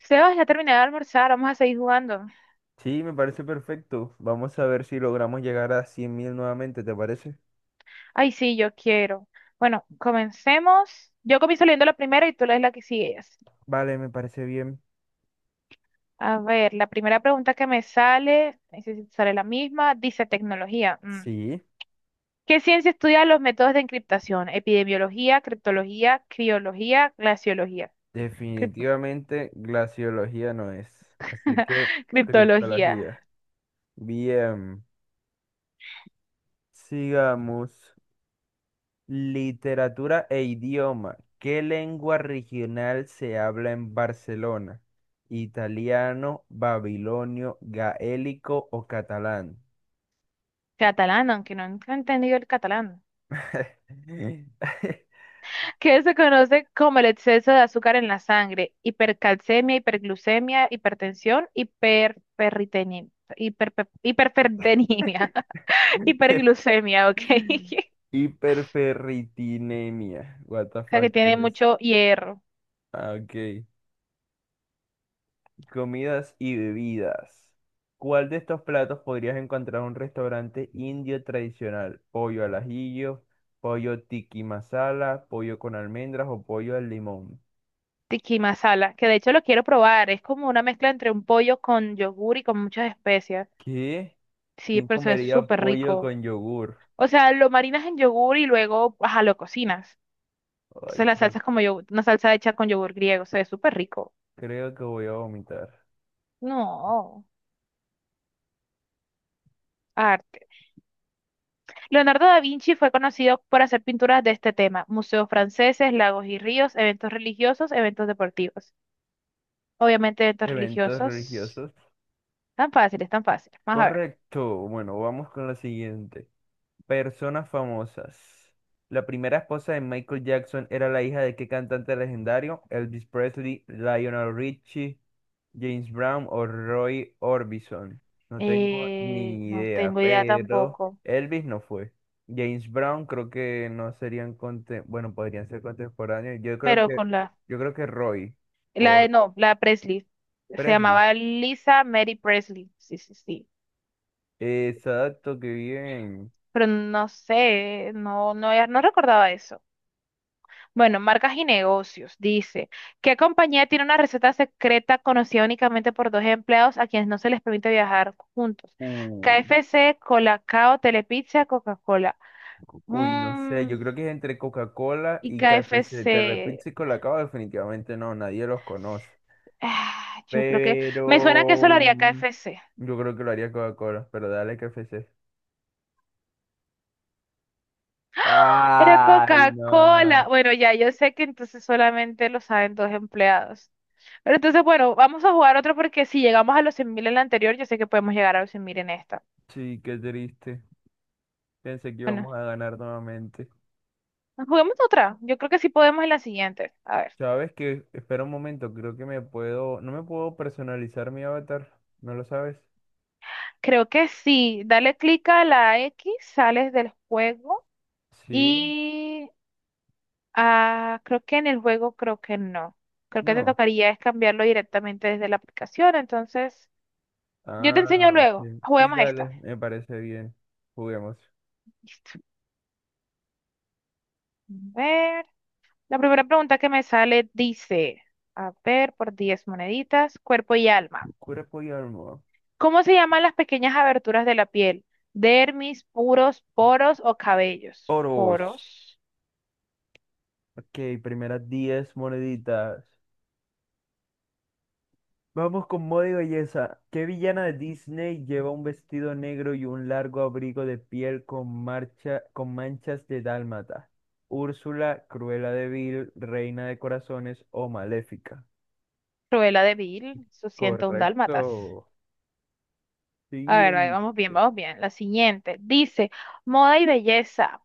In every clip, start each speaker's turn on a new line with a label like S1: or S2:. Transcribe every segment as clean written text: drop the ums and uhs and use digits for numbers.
S1: Sebas, ya terminé de almorzar, vamos a seguir jugando.
S2: Sí, me parece perfecto. Vamos a ver si logramos llegar a 100.000 nuevamente, ¿te parece?
S1: Ay, sí, yo quiero. Bueno, comencemos. Yo comienzo leyendo la primera y tú lees la que sigues.
S2: Vale, me parece bien.
S1: A ver, la primera pregunta que me sale, no sé si te sale la misma, dice tecnología. Mm.
S2: Sí,
S1: ¿Qué ciencia estudia los métodos de encriptación? Epidemiología, criptología, criología, glaciología. Crip-
S2: definitivamente glaciología no es. Así que
S1: criptología.
S2: criptología. Bien, sigamos. Literatura e idioma. ¿Qué lengua regional se habla en Barcelona? ¿Italiano, babilonio, gaélico o catalán?
S1: Catalán, aunque no he entendido el catalán. Que se conoce como el exceso de azúcar en la sangre, hipercalcemia, hiperglucemia, hipertensión, hiperferritenimia, hiperferritenimia, hiperglucemia, ok.
S2: Hiperferritinemia. What the
S1: O sea,
S2: fuck
S1: que
S2: is
S1: tiene
S2: this?
S1: mucho hierro.
S2: Ah, ok. Comidas y bebidas. ¿Cuál de estos platos podrías encontrar en un restaurante indio tradicional? Pollo al ajillo, pollo tiki masala, pollo con almendras o pollo al limón.
S1: Tiki masala, que de hecho lo quiero probar, es como una mezcla entre un pollo con yogur y con muchas especias.
S2: ¿Qué?
S1: Sí,
S2: ¿Quién
S1: pero eso es
S2: comería
S1: súper
S2: pollo
S1: rico.
S2: con yogur?
S1: O sea, lo marinas en yogur y luego, ajá, lo cocinas. Entonces
S2: Ay,
S1: la
S2: creo,
S1: salsa es como yogur, una salsa hecha con yogur griego, se ve súper rico.
S2: creo que voy a vomitar.
S1: No, arte. Leonardo da Vinci fue conocido por hacer pinturas de este tema, museos franceses, lagos y ríos, eventos religiosos, eventos deportivos. Obviamente eventos
S2: Eventos
S1: religiosos.
S2: religiosos.
S1: Tan fáciles, tan fáciles. Vamos a ver.
S2: Correcto. Bueno, vamos con la siguiente. Personas famosas. La primera esposa de Michael Jackson era la hija de qué cantante legendario? Elvis Presley, Lionel Richie, James Brown o Roy Orbison. No tengo ni
S1: No
S2: idea,
S1: tengo idea
S2: pero
S1: tampoco,
S2: Elvis no fue. James Brown creo que no serían bueno, podrían ser contemporáneos. Yo creo
S1: pero
S2: que
S1: con la,
S2: yo creo que Roy
S1: la
S2: o
S1: de, no, la Presley. Se
S2: Presley.
S1: llamaba Lisa Mary Presley. Sí, sí, sí.
S2: Exacto, qué bien.
S1: Pero no sé, no recordaba eso. Bueno, marcas y negocios. Dice, ¿qué compañía tiene una receta secreta conocida únicamente por dos empleados a quienes no se les permite viajar juntos?
S2: Uh,
S1: KFC, Colacao, Telepizza, Coca-Cola.
S2: Uy, no sé,
S1: Mm,
S2: yo creo que es entre Coca-Cola
S1: y
S2: y KFC.
S1: KFC.
S2: Telepizza y Colacao definitivamente no, nadie los conoce.
S1: Ah, yo creo que me suena que eso lo
S2: Pero
S1: haría KFC.
S2: yo creo que lo haría Coca-Cola, pero dale KFC.
S1: Era
S2: Ay, no.
S1: Coca-Cola. Bueno, ya yo sé que entonces solamente lo saben dos empleados. Pero entonces, bueno, vamos a jugar otro porque si llegamos a los 100.000 en la anterior, yo sé que podemos llegar a los 100.000 en esta.
S2: Sí, qué triste. Pensé que
S1: Bueno.
S2: íbamos a ganar nuevamente.
S1: Nos jugamos otra. Yo creo que sí podemos en la siguiente. A ver.
S2: ¿Sabes qué? Espera un momento, creo que me puedo... ¿No me puedo personalizar mi avatar? ¿No lo sabes?
S1: Creo que sí. Dale clic a la X, sales del juego.
S2: Sí,
S1: Y creo que en el juego creo que no. Creo que te
S2: no.
S1: tocaría es cambiarlo directamente desde la aplicación. Entonces, yo te
S2: Ah,
S1: enseño
S2: ok.
S1: luego.
S2: Sí,
S1: Juguemos esta. A
S2: dale, me parece bien. Juguemos.
S1: ver. La primera pregunta que me sale dice, a ver, por 10 moneditas, cuerpo y alma.
S2: Cuerpo y alma.
S1: ¿Cómo se llaman las pequeñas aberturas de la piel? Dermis, puros, poros o cabellos.
S2: Oros.
S1: Poros.
S2: Ok, primeras 10 moneditas. Vamos con moda y belleza. ¿Qué villana de Disney lleva un vestido negro y un largo abrigo de piel con marcha, con manchas de dálmata? Úrsula, Cruella de Vil, Reina de Corazones o Maléfica.
S1: Cruella de Vil, su un dálmatas.
S2: Correcto.
S1: A ver, ahí
S2: Siguiente.
S1: vamos bien, vamos bien. La siguiente dice, moda y belleza.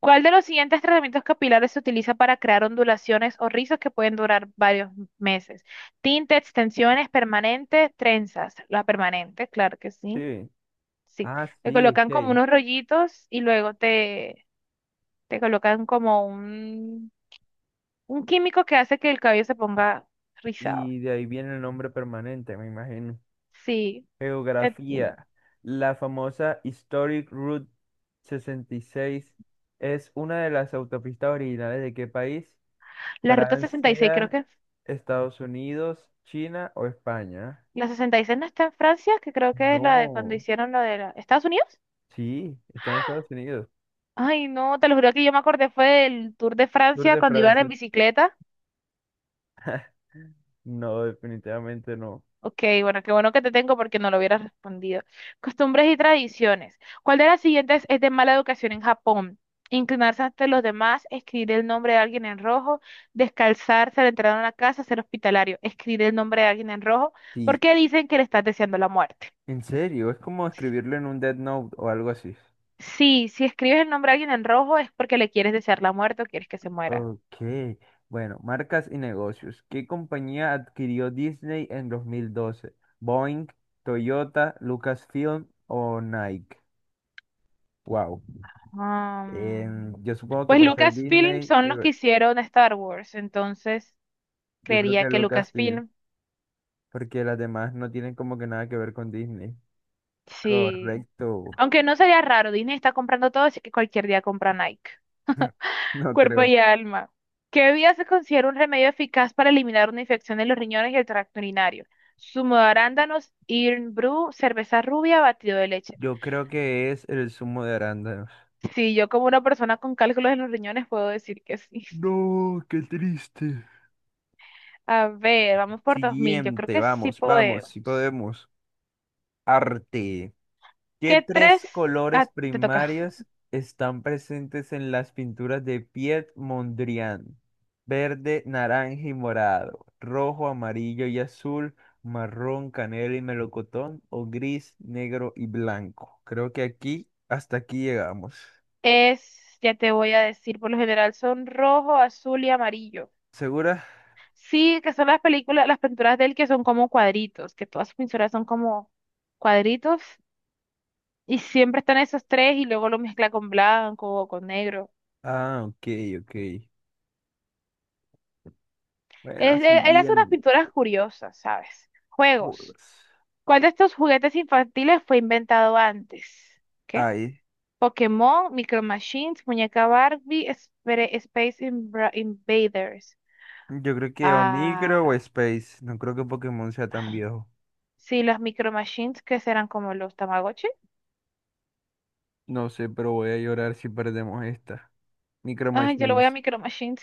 S1: ¿Cuál de los siguientes tratamientos capilares se utiliza para crear ondulaciones o rizos que pueden durar varios meses? Tinte, extensiones, permanente, trenzas. La permanente, claro que sí.
S2: Sí.
S1: Sí.
S2: Ah,
S1: Te
S2: sí, ok.
S1: colocan como unos rollitos y luego te colocan como un químico que hace que el cabello se ponga rizado.
S2: Y de ahí viene el nombre permanente, me imagino.
S1: Sí. Te-
S2: Geografía. La famosa Historic Route 66 es una de las autopistas originales de qué país?
S1: La ruta 66, creo que.
S2: Francia,
S1: es.
S2: Estados Unidos, China o España.
S1: La 66 no está en Francia, que creo que es la de cuando
S2: No,
S1: hicieron lo de Estados Unidos.
S2: sí, está en Estados Unidos.
S1: Ay, no, te lo juro que yo me acordé fue del Tour de
S2: Tour
S1: Francia
S2: de
S1: cuando iban en
S2: Francia.
S1: bicicleta.
S2: No, definitivamente no.
S1: Ok, bueno, qué bueno que te tengo porque no lo hubieras respondido. Costumbres y tradiciones. ¿Cuál de las siguientes es de mala educación en Japón? Inclinarse ante los demás, escribir el nombre de alguien en rojo, descalzarse al entrar a una casa, ser hospitalario, escribir el nombre de alguien en rojo,
S2: Sí,
S1: porque dicen que le estás deseando la muerte.
S2: en serio, es como escribirlo en un Dead Note o algo así.
S1: Sí, si escribes el nombre de alguien en rojo es porque le quieres desear la muerte o quieres que se muera.
S2: Ok, bueno, marcas y negocios. ¿Qué compañía adquirió Disney en 2012? Boeing, Toyota, Lucasfilm o Nike. Wow.
S1: Ah,
S2: Yo supongo que
S1: pues
S2: por ser
S1: Lucasfilm
S2: Disney,
S1: son los que hicieron Star Wars, entonces
S2: yo creo
S1: creería
S2: que
S1: que
S2: Lucasfilm,
S1: Lucasfilm,
S2: porque las demás no tienen como que nada que ver con Disney.
S1: sí.
S2: Correcto.
S1: Aunque no sería raro, Disney está comprando todo, así que cualquier día compra Nike.
S2: No
S1: Cuerpo
S2: creo.
S1: y alma. ¿Qué bebida se considera un remedio eficaz para eliminar una infección de los riñones y el tracto urinario? Zumo de arándanos, Irn Brew, cerveza rubia, batido de leche.
S2: Yo creo que es el zumo de arándanos.
S1: Sí, yo como una persona con cálculos en los riñones puedo decir que sí.
S2: No, qué triste.
S1: A ver, vamos por 2000. Yo creo
S2: Siguiente,
S1: que sí
S2: vamos, vamos, si
S1: podemos.
S2: podemos. Arte. ¿Qué
S1: ¿Qué tres?
S2: tres colores
S1: Ah, te toca.
S2: primarios están presentes en las pinturas de Piet Mondrian? Verde, naranja y morado, rojo, amarillo y azul, marrón, canela y melocotón, o gris, negro y blanco. Creo que aquí, hasta aquí llegamos.
S1: Es, ya te voy a decir, por lo general son rojo, azul y amarillo.
S2: ¿Segura?
S1: Sí, que son las películas, las pinturas de él que son como cuadritos, que todas sus pinturas son como cuadritos y siempre están esos tres y luego lo mezcla con blanco o con negro.
S2: Ah, ok, ok. Bueno,
S1: Él hace unas
S2: siguiendo.
S1: pinturas curiosas, ¿sabes? Juegos. ¿Cuál de estos juguetes infantiles fue inventado antes? ¿Qué?
S2: Ay,
S1: Pokémon, Micro Machines, Muñeca Barbie, Space Invaders.
S2: yo creo que o Micro o
S1: Ah,
S2: Space. No creo que Pokémon sea tan viejo.
S1: sí, los Micro Machines que serán como los Tamagotchi.
S2: No sé, pero voy a llorar si perdemos esta. Micro
S1: Ay, yo lo voy a
S2: Machines.
S1: Micro Machines.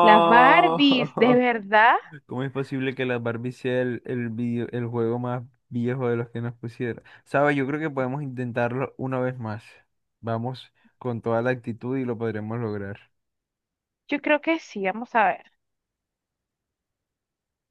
S1: Las Barbies, ¿de verdad?
S2: ¿Cómo es posible que la Barbie sea el juego más viejo de los que nos pusieron? Sabes, yo creo que podemos intentarlo una vez más. Vamos con toda la actitud y lo podremos lograr.
S1: Yo creo que sí, vamos a ver.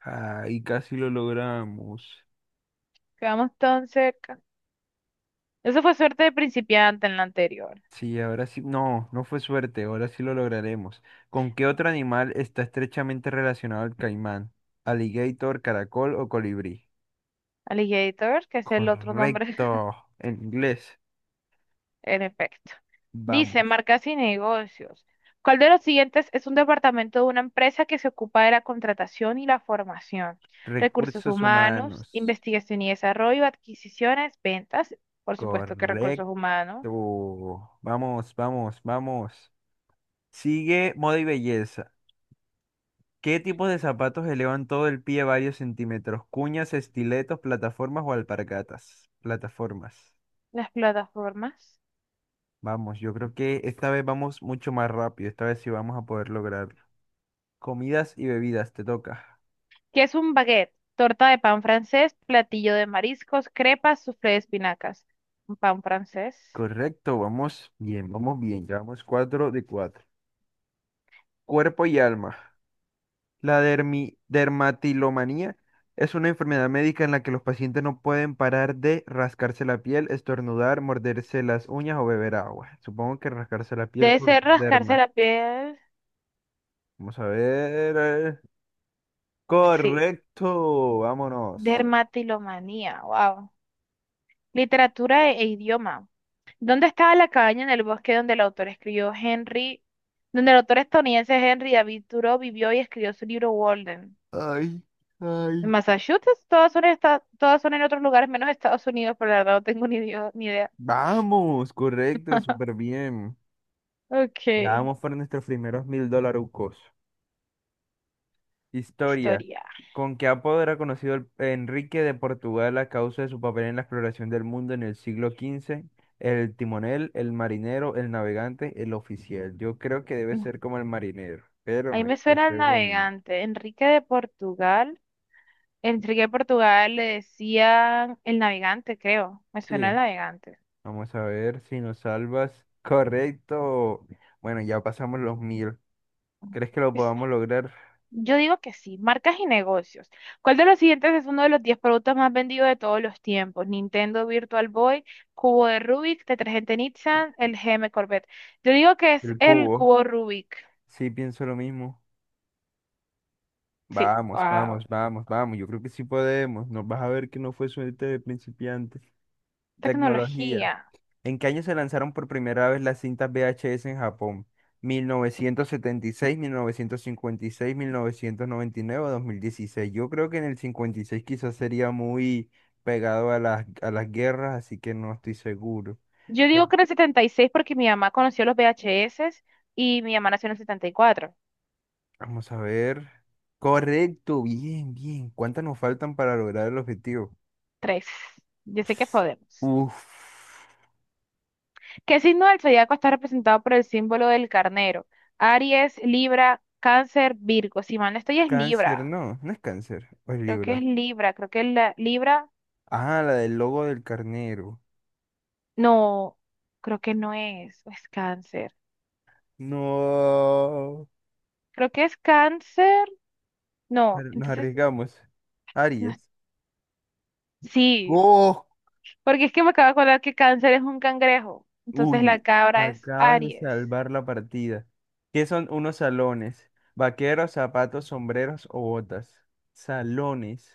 S2: Ah, casi lo logramos.
S1: Quedamos tan cerca. Eso fue suerte de principiante en la anterior.
S2: Sí, ahora sí. No, no fue suerte. Ahora sí lo lograremos. ¿Con qué otro animal está estrechamente relacionado el caimán? ¿Alligator, caracol o colibrí?
S1: Alligator, que es el otro nombre,
S2: Correcto. En inglés.
S1: en efecto. Dice,
S2: Vamos.
S1: marcas y negocios. ¿Cuál de los siguientes es un departamento de una empresa que se ocupa de la contratación y la formación? Recursos
S2: Recursos
S1: humanos,
S2: humanos.
S1: investigación y desarrollo, adquisiciones, ventas, por supuesto que recursos
S2: Correcto.
S1: humanos,
S2: Vamos, vamos, vamos. Sigue moda y belleza. ¿Qué tipos de zapatos elevan todo el pie varios centímetros? Cuñas, estiletos, plataformas o alpargatas. Plataformas.
S1: las plataformas.
S2: Vamos, yo creo que esta vez vamos mucho más rápido. Esta vez sí vamos a poder lograrlo. Comidas y bebidas, te toca.
S1: ¿Qué es un baguette? Torta de pan francés, platillo de mariscos, crepas, soufflé de espinacas. Un pan francés.
S2: Correcto, vamos bien, vamos bien. Llevamos 4 de 4. Cuerpo y alma. La dermatilomanía es una enfermedad médica en la que los pacientes no pueden parar de rascarse la piel, estornudar, morderse las uñas o beber agua. Supongo que rascarse la piel
S1: Debe
S2: por
S1: ser rascarse
S2: derma.
S1: la piel.
S2: Vamos a ver.
S1: Sí.
S2: Correcto, vámonos.
S1: Dermatilomanía. Wow. Literatura e idioma. ¿Dónde estaba la cabaña en el bosque donde el autor escribió Henry, donde el autor estadounidense Henry David Thoreau vivió y escribió su libro Walden?
S2: Ay,
S1: ¿En
S2: ay.
S1: Massachusetts? Todas son, todas son en otros lugares menos Estados Unidos, pero la verdad no tengo ni idea.
S2: Vamos, correcto, súper bien.
S1: Ok.
S2: Ya vamos por nuestros primeros mil dolarucos. Historia.
S1: Historia.
S2: ¿Con qué apodo era conocido Enrique de Portugal a causa de su papel en la exploración del mundo en el siglo XV? El timonel, el marinero, el navegante, el oficial. Yo creo que debe ser como el marinero, pero
S1: Ahí
S2: no
S1: me
S2: estoy
S1: suena el
S2: seguro.
S1: navegante. Enrique de Portugal. Enrique de Portugal le decían el navegante, creo. Me suena
S2: Sí,
S1: el navegante.
S2: vamos a ver si nos salvas. Correcto. Bueno, ya pasamos los mil. ¿Crees que lo
S1: Es-
S2: podamos lograr?
S1: Yo digo que sí. Marcas y negocios. ¿Cuál de los siguientes es uno de los 10 productos más vendidos de todos los tiempos? Nintendo Virtual Boy, cubo de Rubik, detergente Nissan, el GM Corvette. Yo digo que es
S2: El
S1: el
S2: cubo.
S1: cubo Rubik.
S2: Sí, pienso lo mismo.
S1: Sí.
S2: Vamos, vamos,
S1: Wow.
S2: vamos, vamos. Yo creo que sí podemos. Nos vas a ver que no fue suerte de principiante. Tecnología.
S1: Tecnología.
S2: ¿En qué año se lanzaron por primera vez las cintas VHS en Japón? Mil novecientos setenta y seis, 1956, seis, 5099 o 2016. Yo creo que en el 56 quizás sería muy pegado a las guerras, así que no estoy seguro.
S1: Yo
S2: Eh,
S1: digo que era el 76 porque mi mamá conoció los VHS y mi mamá nació en el 74.
S2: Vamos a ver. Correcto, bien, bien. ¿Cuántas nos faltan para lograr el objetivo?
S1: Tres. Yo sé que podemos.
S2: Uf,
S1: ¿Qué signo del zodiaco está representado por el símbolo del carnero? Aries, Libra, Cáncer, Virgo. Si mal no estoy, es
S2: cáncer,
S1: Libra.
S2: no, no es cáncer, o es
S1: Creo que es
S2: Libra.
S1: Libra. Creo que es la Libra.
S2: Ah, la del logo del carnero.
S1: No, creo que no es, o es Cáncer.
S2: No,
S1: Creo que es Cáncer. No,
S2: pero nos
S1: entonces.
S2: arriesgamos.
S1: No es-
S2: Aries.
S1: Sí,
S2: ¡Oh!
S1: porque es que me acabo de acordar que Cáncer es un cangrejo. Entonces la
S2: Uy,
S1: cabra es
S2: acaban de
S1: Aries.
S2: salvar la partida. ¿Qué son unos salones? Vaqueros, zapatos, sombreros o botas. Salones.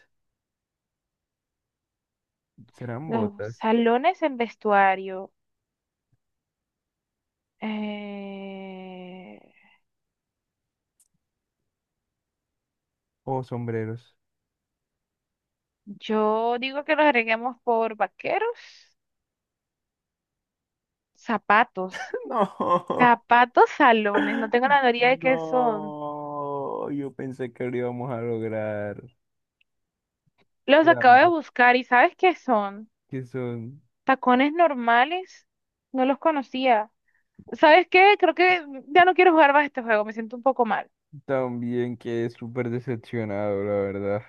S2: ¿Serán
S1: Los
S2: botas
S1: salones en vestuario. Eh,
S2: o sombreros?
S1: Yo digo que los agreguemos por vaqueros, zapatos,
S2: No,
S1: zapatos salones. No tengo la teoría de qué son.
S2: no. Yo pensé que lo íbamos a lograr.
S1: Los acabo de
S2: Ambos.
S1: buscar y ¿sabes qué son?
S2: Que son
S1: Tacones normales. No los conocía. ¿Sabes qué? Creo que ya no quiero jugar más este juego. Me siento un poco mal.
S2: también que es súper decepcionado, la verdad.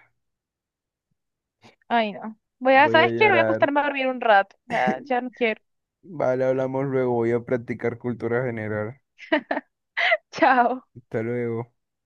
S1: Ay, no. Voy a,
S2: Voy a
S1: ¿sabes qué? Voy a
S2: llorar.
S1: acostarme a dormir un rato. Ya, ya no quiero.
S2: Vale, hablamos luego. Voy a practicar cultura general.
S1: Chao.
S2: Hasta luego.